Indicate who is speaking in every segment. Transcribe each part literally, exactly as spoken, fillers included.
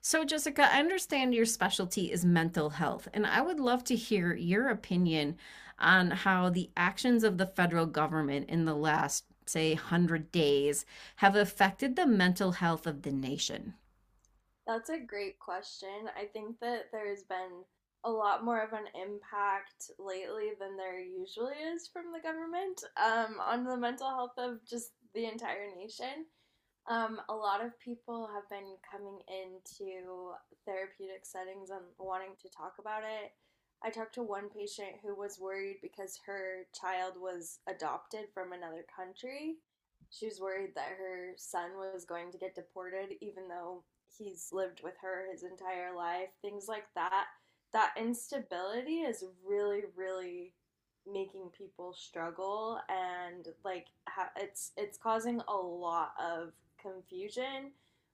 Speaker 1: So, Jessica, I understand your specialty is mental health, and I would love to hear your opinion on how the actions of the federal government in the last, say, a hundred days have affected the mental health of the nation.
Speaker 2: That's a great question. I think that there's been a lot more of an impact lately than there usually is from the government um, on the mental health of just the entire nation. Um, a lot of people have been coming into therapeutic settings and wanting to talk about it. I talked to one patient who was worried because her child was adopted from another country. She was worried that her son was going to get deported, even though he's lived with her his entire life, things like that. That instability is really, really making people struggle, and like ha- it's it's causing a lot of confusion,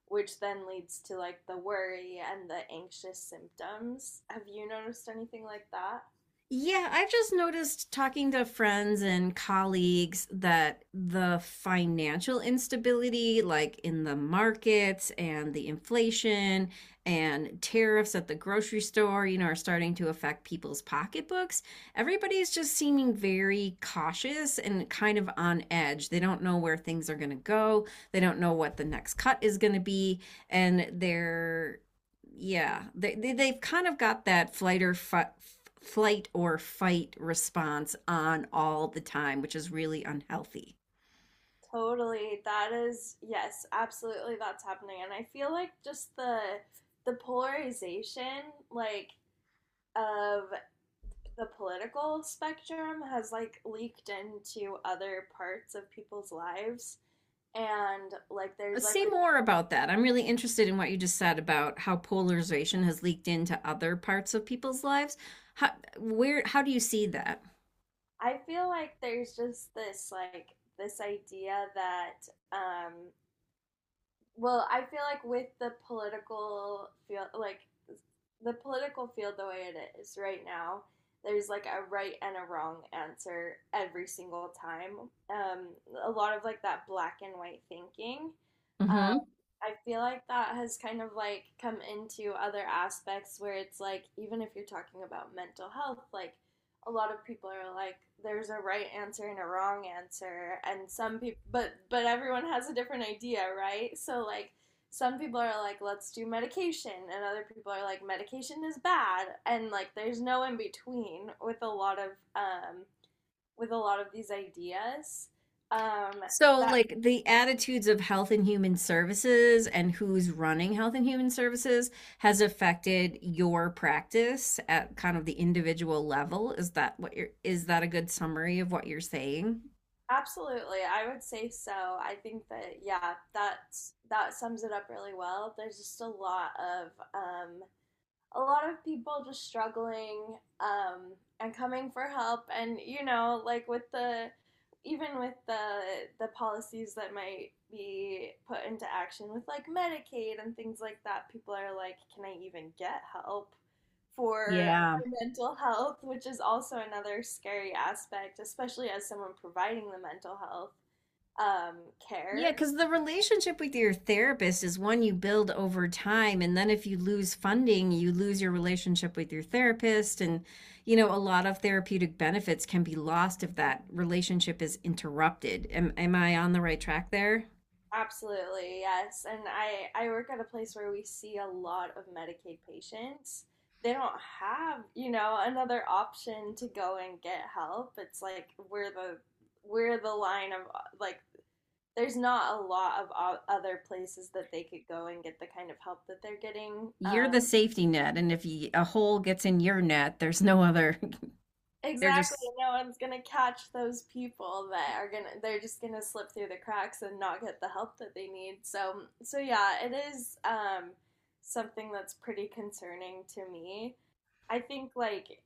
Speaker 2: which then leads to like the worry and the anxious symptoms. Have you noticed anything like that?
Speaker 1: Yeah, I've just noticed talking to friends and colleagues that the financial instability, like in the markets and the inflation and tariffs at the grocery store, you know, are starting to affect people's pocketbooks. Everybody's just seeming very cautious and kind of on edge. They don't know where things are going to go, they don't know what the next cut is going to be, and they're, yeah, they, they they've kind of got that flight or fi- flight or fight response on all the time, which is really unhealthy.
Speaker 2: Totally, that is, yes, absolutely, that's happening. And I feel like just the the polarization, like, of the political spectrum has like leaked into other parts of people's lives. And like
Speaker 1: Uh,
Speaker 2: there's like
Speaker 1: say
Speaker 2: the,
Speaker 1: more about that. I'm really interested in what you just said about how polarization has leaked into other parts of people's lives. how where how do you see that?
Speaker 2: I feel like there's just this like this idea that um well, I feel like with the political field, like the political field the way it is right now, there's like a right and a wrong answer every single time. Um, a lot of like that black and white thinking. Um,
Speaker 1: Mm-hmm.
Speaker 2: I feel like that has kind of like come into other aspects where it's like, even if you're talking about mental health, like a lot of people are like there's a right answer and a wrong answer. And some people, but but everyone has a different idea, right? So like some people are like let's do medication, and other people are like medication is bad, and like there's no in between with a lot of um with a lot of these ideas. um
Speaker 1: So,
Speaker 2: that
Speaker 1: like, the attitudes of Health and Human Services and who's running Health and Human Services has affected your practice at kind of the individual level. Is that what you're, is that a good summary of what you're saying?
Speaker 2: absolutely, I would say so. I think that, yeah, that's, that sums it up really well. There's just a lot of um a lot of people just struggling, um, and coming for help. And you know, like with the, even with the the policies that might be put into action with like Medicaid and things like that, people are like can I even get help for
Speaker 1: Yeah.
Speaker 2: my mental health, which is also another scary aspect, especially as someone providing the mental health um,
Speaker 1: Yeah,
Speaker 2: care.
Speaker 1: because the relationship with your therapist is one you build over time. And then if you lose funding, you lose your relationship with your therapist. And, you know, a lot of therapeutic benefits can be lost if that relationship is interrupted. Am, am I on the right track there?
Speaker 2: Absolutely, yes. And I I work at a place where we see a lot of Medicaid patients. They don't have, you know, another option to go and get help. It's like we're the we're the line of uh, like there's not a lot of o- other places that they could go and get the kind of help that they're getting.
Speaker 1: You're
Speaker 2: uh,
Speaker 1: the safety net, and if you, a hole gets in your net. There's no other. they're
Speaker 2: Exactly.
Speaker 1: just
Speaker 2: No one's gonna catch those people that are gonna, they're just gonna slip through the cracks and not get the help that they need. So so yeah, it is um something that's pretty concerning to me. I think like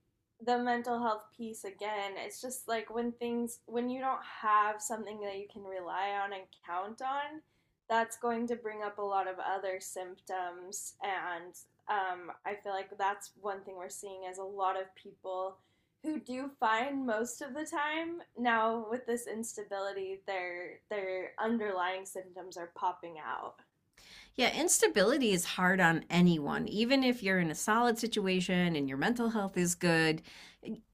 Speaker 2: the mental health piece again, it's just like when things, when you don't have something that you can rely on and count on, that's going to bring up a lot of other symptoms. And um I feel like that's one thing we're seeing is a lot of people who do fine most of the time. Now with this instability, their their underlying symptoms are popping out.
Speaker 1: Yeah, instability is hard on anyone. Even if you're in a solid situation and your mental health is good,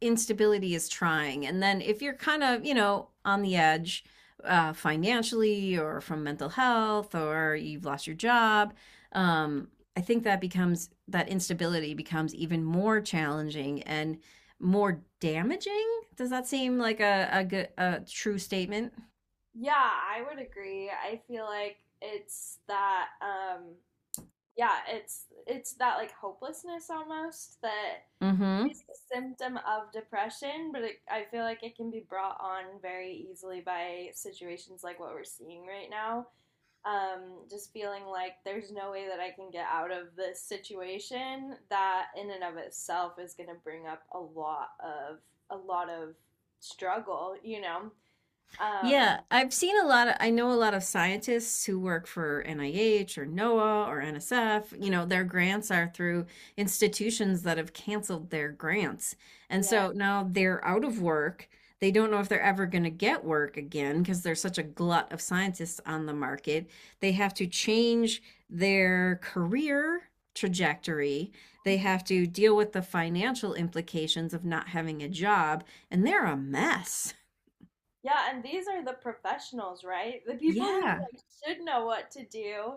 Speaker 1: instability is trying. And then if you're kind of, you know, on the edge, uh, financially, or from mental health, or you've lost your job, um, I think that becomes that instability becomes even more challenging and more damaging. Does that seem like a, a good a true statement?
Speaker 2: Yeah, I would agree. I feel like it's that, um yeah, it's it's that like hopelessness almost that
Speaker 1: Mm-hmm.
Speaker 2: is the symptom of depression. But it, I feel like it can be brought on very easily by situations like what we're seeing right now. Um, just feeling like there's no way that I can get out of this situation. That in and of itself is going to bring up a lot of a lot of struggle, you know. Um,
Speaker 1: Yeah, I've seen a lot of I know a lot of scientists who work for N I H or NOAA or N S F, you know, their grants are through institutions that have canceled their grants. And
Speaker 2: yeah,
Speaker 1: so now they're out of work. They don't know if they're ever going to get work again because there's such a glut of scientists on the market. They have to change their career trajectory. They have to deal with the financial implications of not having a job, and they're a mess.
Speaker 2: Yeah, and these are the professionals, right? The people who
Speaker 1: Yeah.
Speaker 2: like should know what to do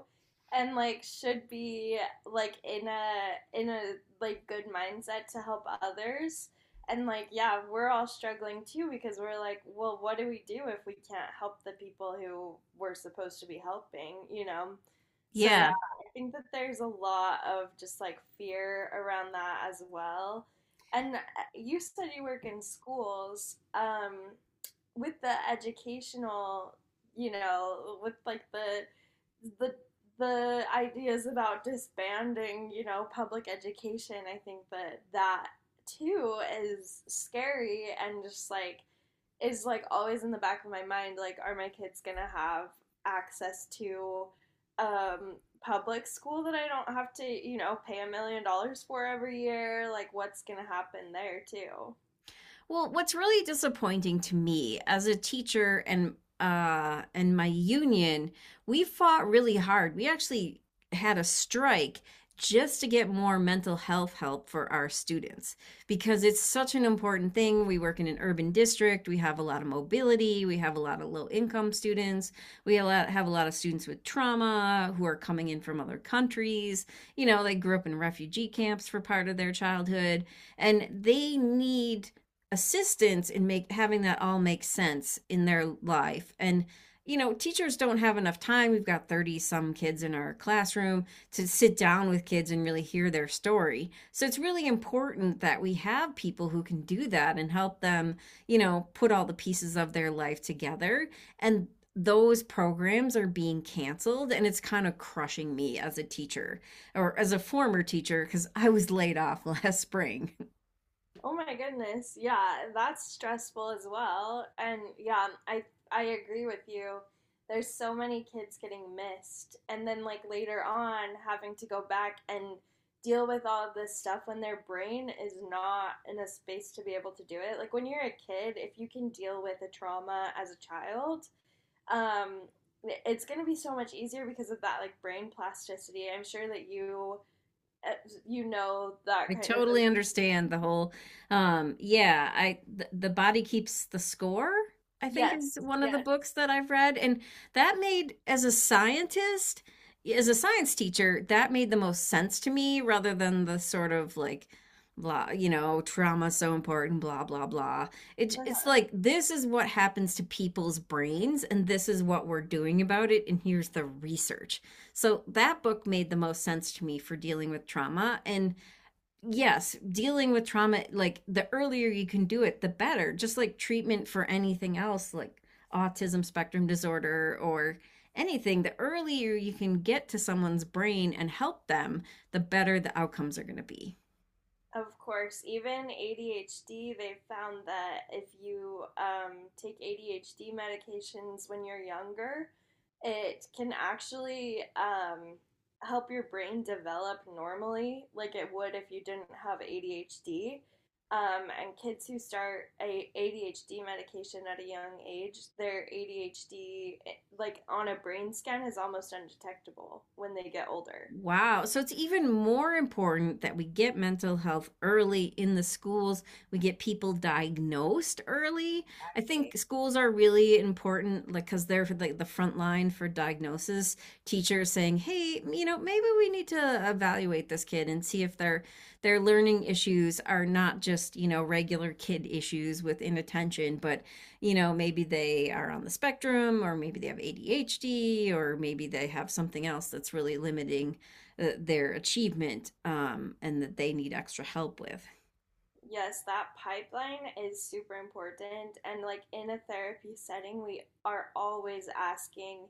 Speaker 2: and like should be like in a in a like good mindset to help others. And like yeah, we're all struggling too, because we're like, well, what do we do if we can't help the people who we're supposed to be helping, you know? So yeah,
Speaker 1: Yeah.
Speaker 2: I think that there's a lot of just like fear around that as well. And uh, you said you work in schools. Um, with the educational, you know, with like the the the ideas about disbanding, you know, public education, I think that that too is scary. And just like is like always in the back of my mind like are my kids going to have access to um public school that I don't have to, you know, pay a million dollars for every year? Like what's going to happen there too?
Speaker 1: Well, what's really disappointing to me as a teacher, and uh and my union, we fought really hard. We actually had a strike just to get more mental health help for our students because it's such an important thing. We work in an urban district, we have a lot of mobility, we have a lot of low income students, we have a lot of students with trauma who are coming in from other countries. You know, they grew up in refugee camps for part of their childhood, and they need assistance in make having that all make sense in their life. And, you know teachers don't have enough time. We've got thirty some kids in our classroom to sit down with kids and really hear their story, so it's really important that we have people who can do that and help them you know put all the pieces of their life together. And those programs are being canceled, and it's kind of crushing me as a teacher, or as a former teacher, because I was laid off last spring.
Speaker 2: Oh my goodness. Yeah, that's stressful as well. And yeah, I I agree with you. There's so many kids getting missed, and then like later on having to go back and deal with all of this stuff when their brain is not in a space to be able to do it. Like when you're a kid, if you can deal with a trauma as a child, um it's going to be so much easier because of that like brain plasticity. I'm sure that you uh, you know that
Speaker 1: I
Speaker 2: kind of.
Speaker 1: totally understand the whole. Um yeah, I th The Body Keeps the Score, I think, is
Speaker 2: Yes,
Speaker 1: one of the
Speaker 2: yes.
Speaker 1: books that I've read, and that made, as a scientist, as a science teacher, that made the most sense to me rather than the sort of like blah, you know, trauma so important, blah blah blah. It, it's like, this is what happens to people's brains and this is what we're doing about it, and here's the research. So that book made the most sense to me for dealing with trauma, and yes, dealing with trauma, like, the earlier you can do it, the better. Just like treatment for anything else, like autism spectrum disorder or anything, the earlier you can get to someone's brain and help them, the better the outcomes are going to be.
Speaker 2: Of course, even A D H D, they found that if you um, take A D H D medications when you're younger, it can actually um, help your brain develop normally, like it would if you didn't have A D H D. Um, and kids who start a ADHD medication at a young age, their A D H D, like on a brain scan, is almost undetectable when they get older.
Speaker 1: Wow. So it's even more important that we get mental health early in the schools. We get people diagnosed early. I think schools are really important, like, because they're like the front line for diagnosis. Teachers saying, "Hey, you know, maybe we need to evaluate this kid and see if their their learning issues are not just you know regular kid issues with inattention, but you know maybe they are on the spectrum, or maybe they have A D H D, or maybe they have something else that's really limiting." Uh, their achievement, um, and that they need extra help with.
Speaker 2: Yes, that pipeline is super important. And like in a therapy setting, we are always asking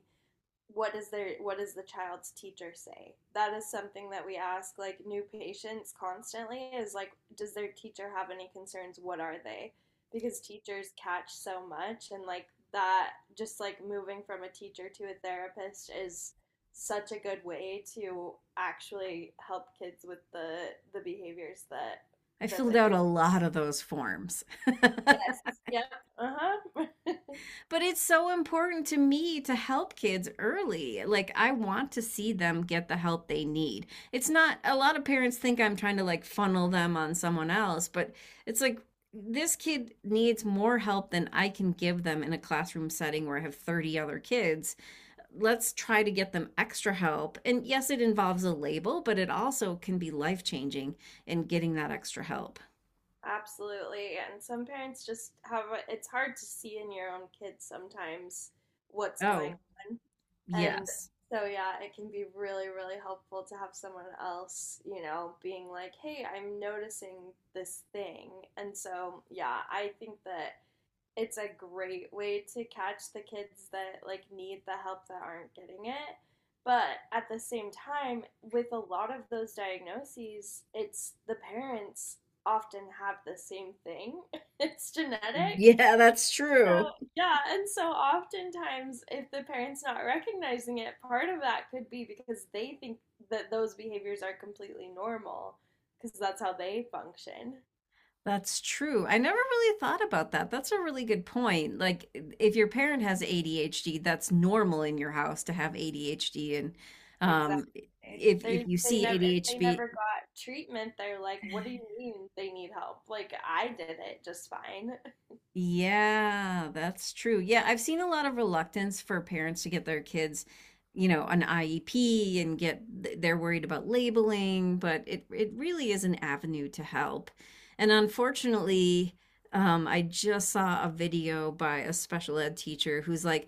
Speaker 2: what is their, what does the child's teacher say? That is something that we ask like new patients constantly, is like does their teacher have any concerns? What are they? Because teachers catch so much. And like that just like moving from a teacher to a therapist is such a good way to actually help kids with the the behaviors that
Speaker 1: I
Speaker 2: that
Speaker 1: filled
Speaker 2: they're.
Speaker 1: out a lot of those forms. But
Speaker 2: Yes. Yep. Uh-huh.
Speaker 1: it's so important to me to help kids early. Like, I want to see them get the help they need. It's not, A lot of parents think I'm trying to like funnel them on someone else, but it's like, this kid needs more help than I can give them in a classroom setting where I have thirty other kids. Let's try to get them extra help. And yes, it involves a label, but it also can be life-changing in getting that extra help.
Speaker 2: Absolutely. And some parents just have a, it's hard to see in your own kids sometimes what's going
Speaker 1: Oh,
Speaker 2: on. And
Speaker 1: yes.
Speaker 2: so yeah, it can be really, really helpful to have someone else, you know, being like, "Hey, I'm noticing this thing." And so, yeah, I think that it's a great way to catch the kids that like need the help that aren't getting it. But at the same time, with a lot of those diagnoses, it's the parents often have the same thing. It's genetic.
Speaker 1: Yeah, that's
Speaker 2: So,
Speaker 1: true.
Speaker 2: yeah, and so oftentimes, if the parent's not recognizing it, part of that could be because they think that those behaviors are completely normal because that's how they function.
Speaker 1: That's true. I never really thought about that. That's a really good point. Like, if your parent has A D H D, that's normal in your house to have A D H D. And um,
Speaker 2: Exactly.
Speaker 1: if
Speaker 2: They
Speaker 1: if you
Speaker 2: they
Speaker 1: see
Speaker 2: never, if they
Speaker 1: A D H D.
Speaker 2: never got treatment, they're like, "What do you mean they need help? Like I did it just fine."
Speaker 1: Yeah, that's true. Yeah, I've seen a lot of reluctance for parents to get their kids, you know, an I E P, and get they're worried about labeling, but it it really is an avenue to help. And unfortunately, um, I just saw a video by a special ed teacher who's like,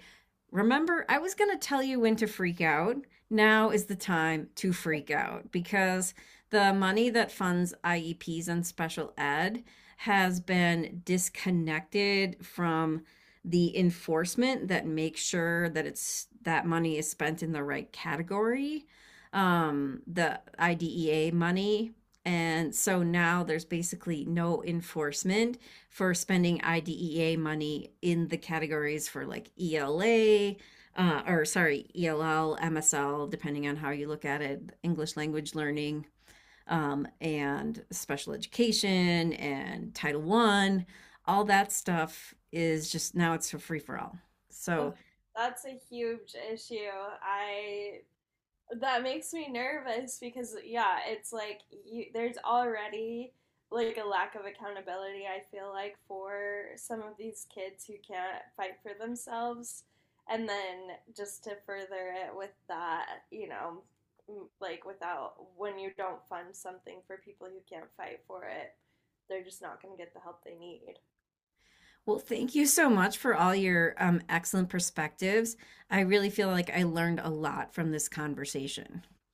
Speaker 1: "Remember, I was going to tell you when to freak out. Now is the time to freak out because the money that funds I E Ps and special ed has been disconnected from the enforcement that makes sure that it's that money is spent in the right category, um the IDEA money, and so now there's basically no enforcement for spending IDEA money in the categories for like E L A, uh, or sorry, E L L, M S L, depending on how you look at it, English language learning, um, and special education and Title One. All that stuff is just now it's for free for all."
Speaker 2: Ugh,
Speaker 1: So,
Speaker 2: that's a huge issue. I, that makes me nervous, because yeah, it's like you, there's already like a lack of accountability, I feel like, for some of these kids who can't fight for themselves. And then just to further it with that, you know, like without, when you don't fund something for people who can't fight for it, they're just not going to get the help they need.
Speaker 1: well, thank you so much for all your um, excellent perspectives. I really feel like I learned a lot from this conversation.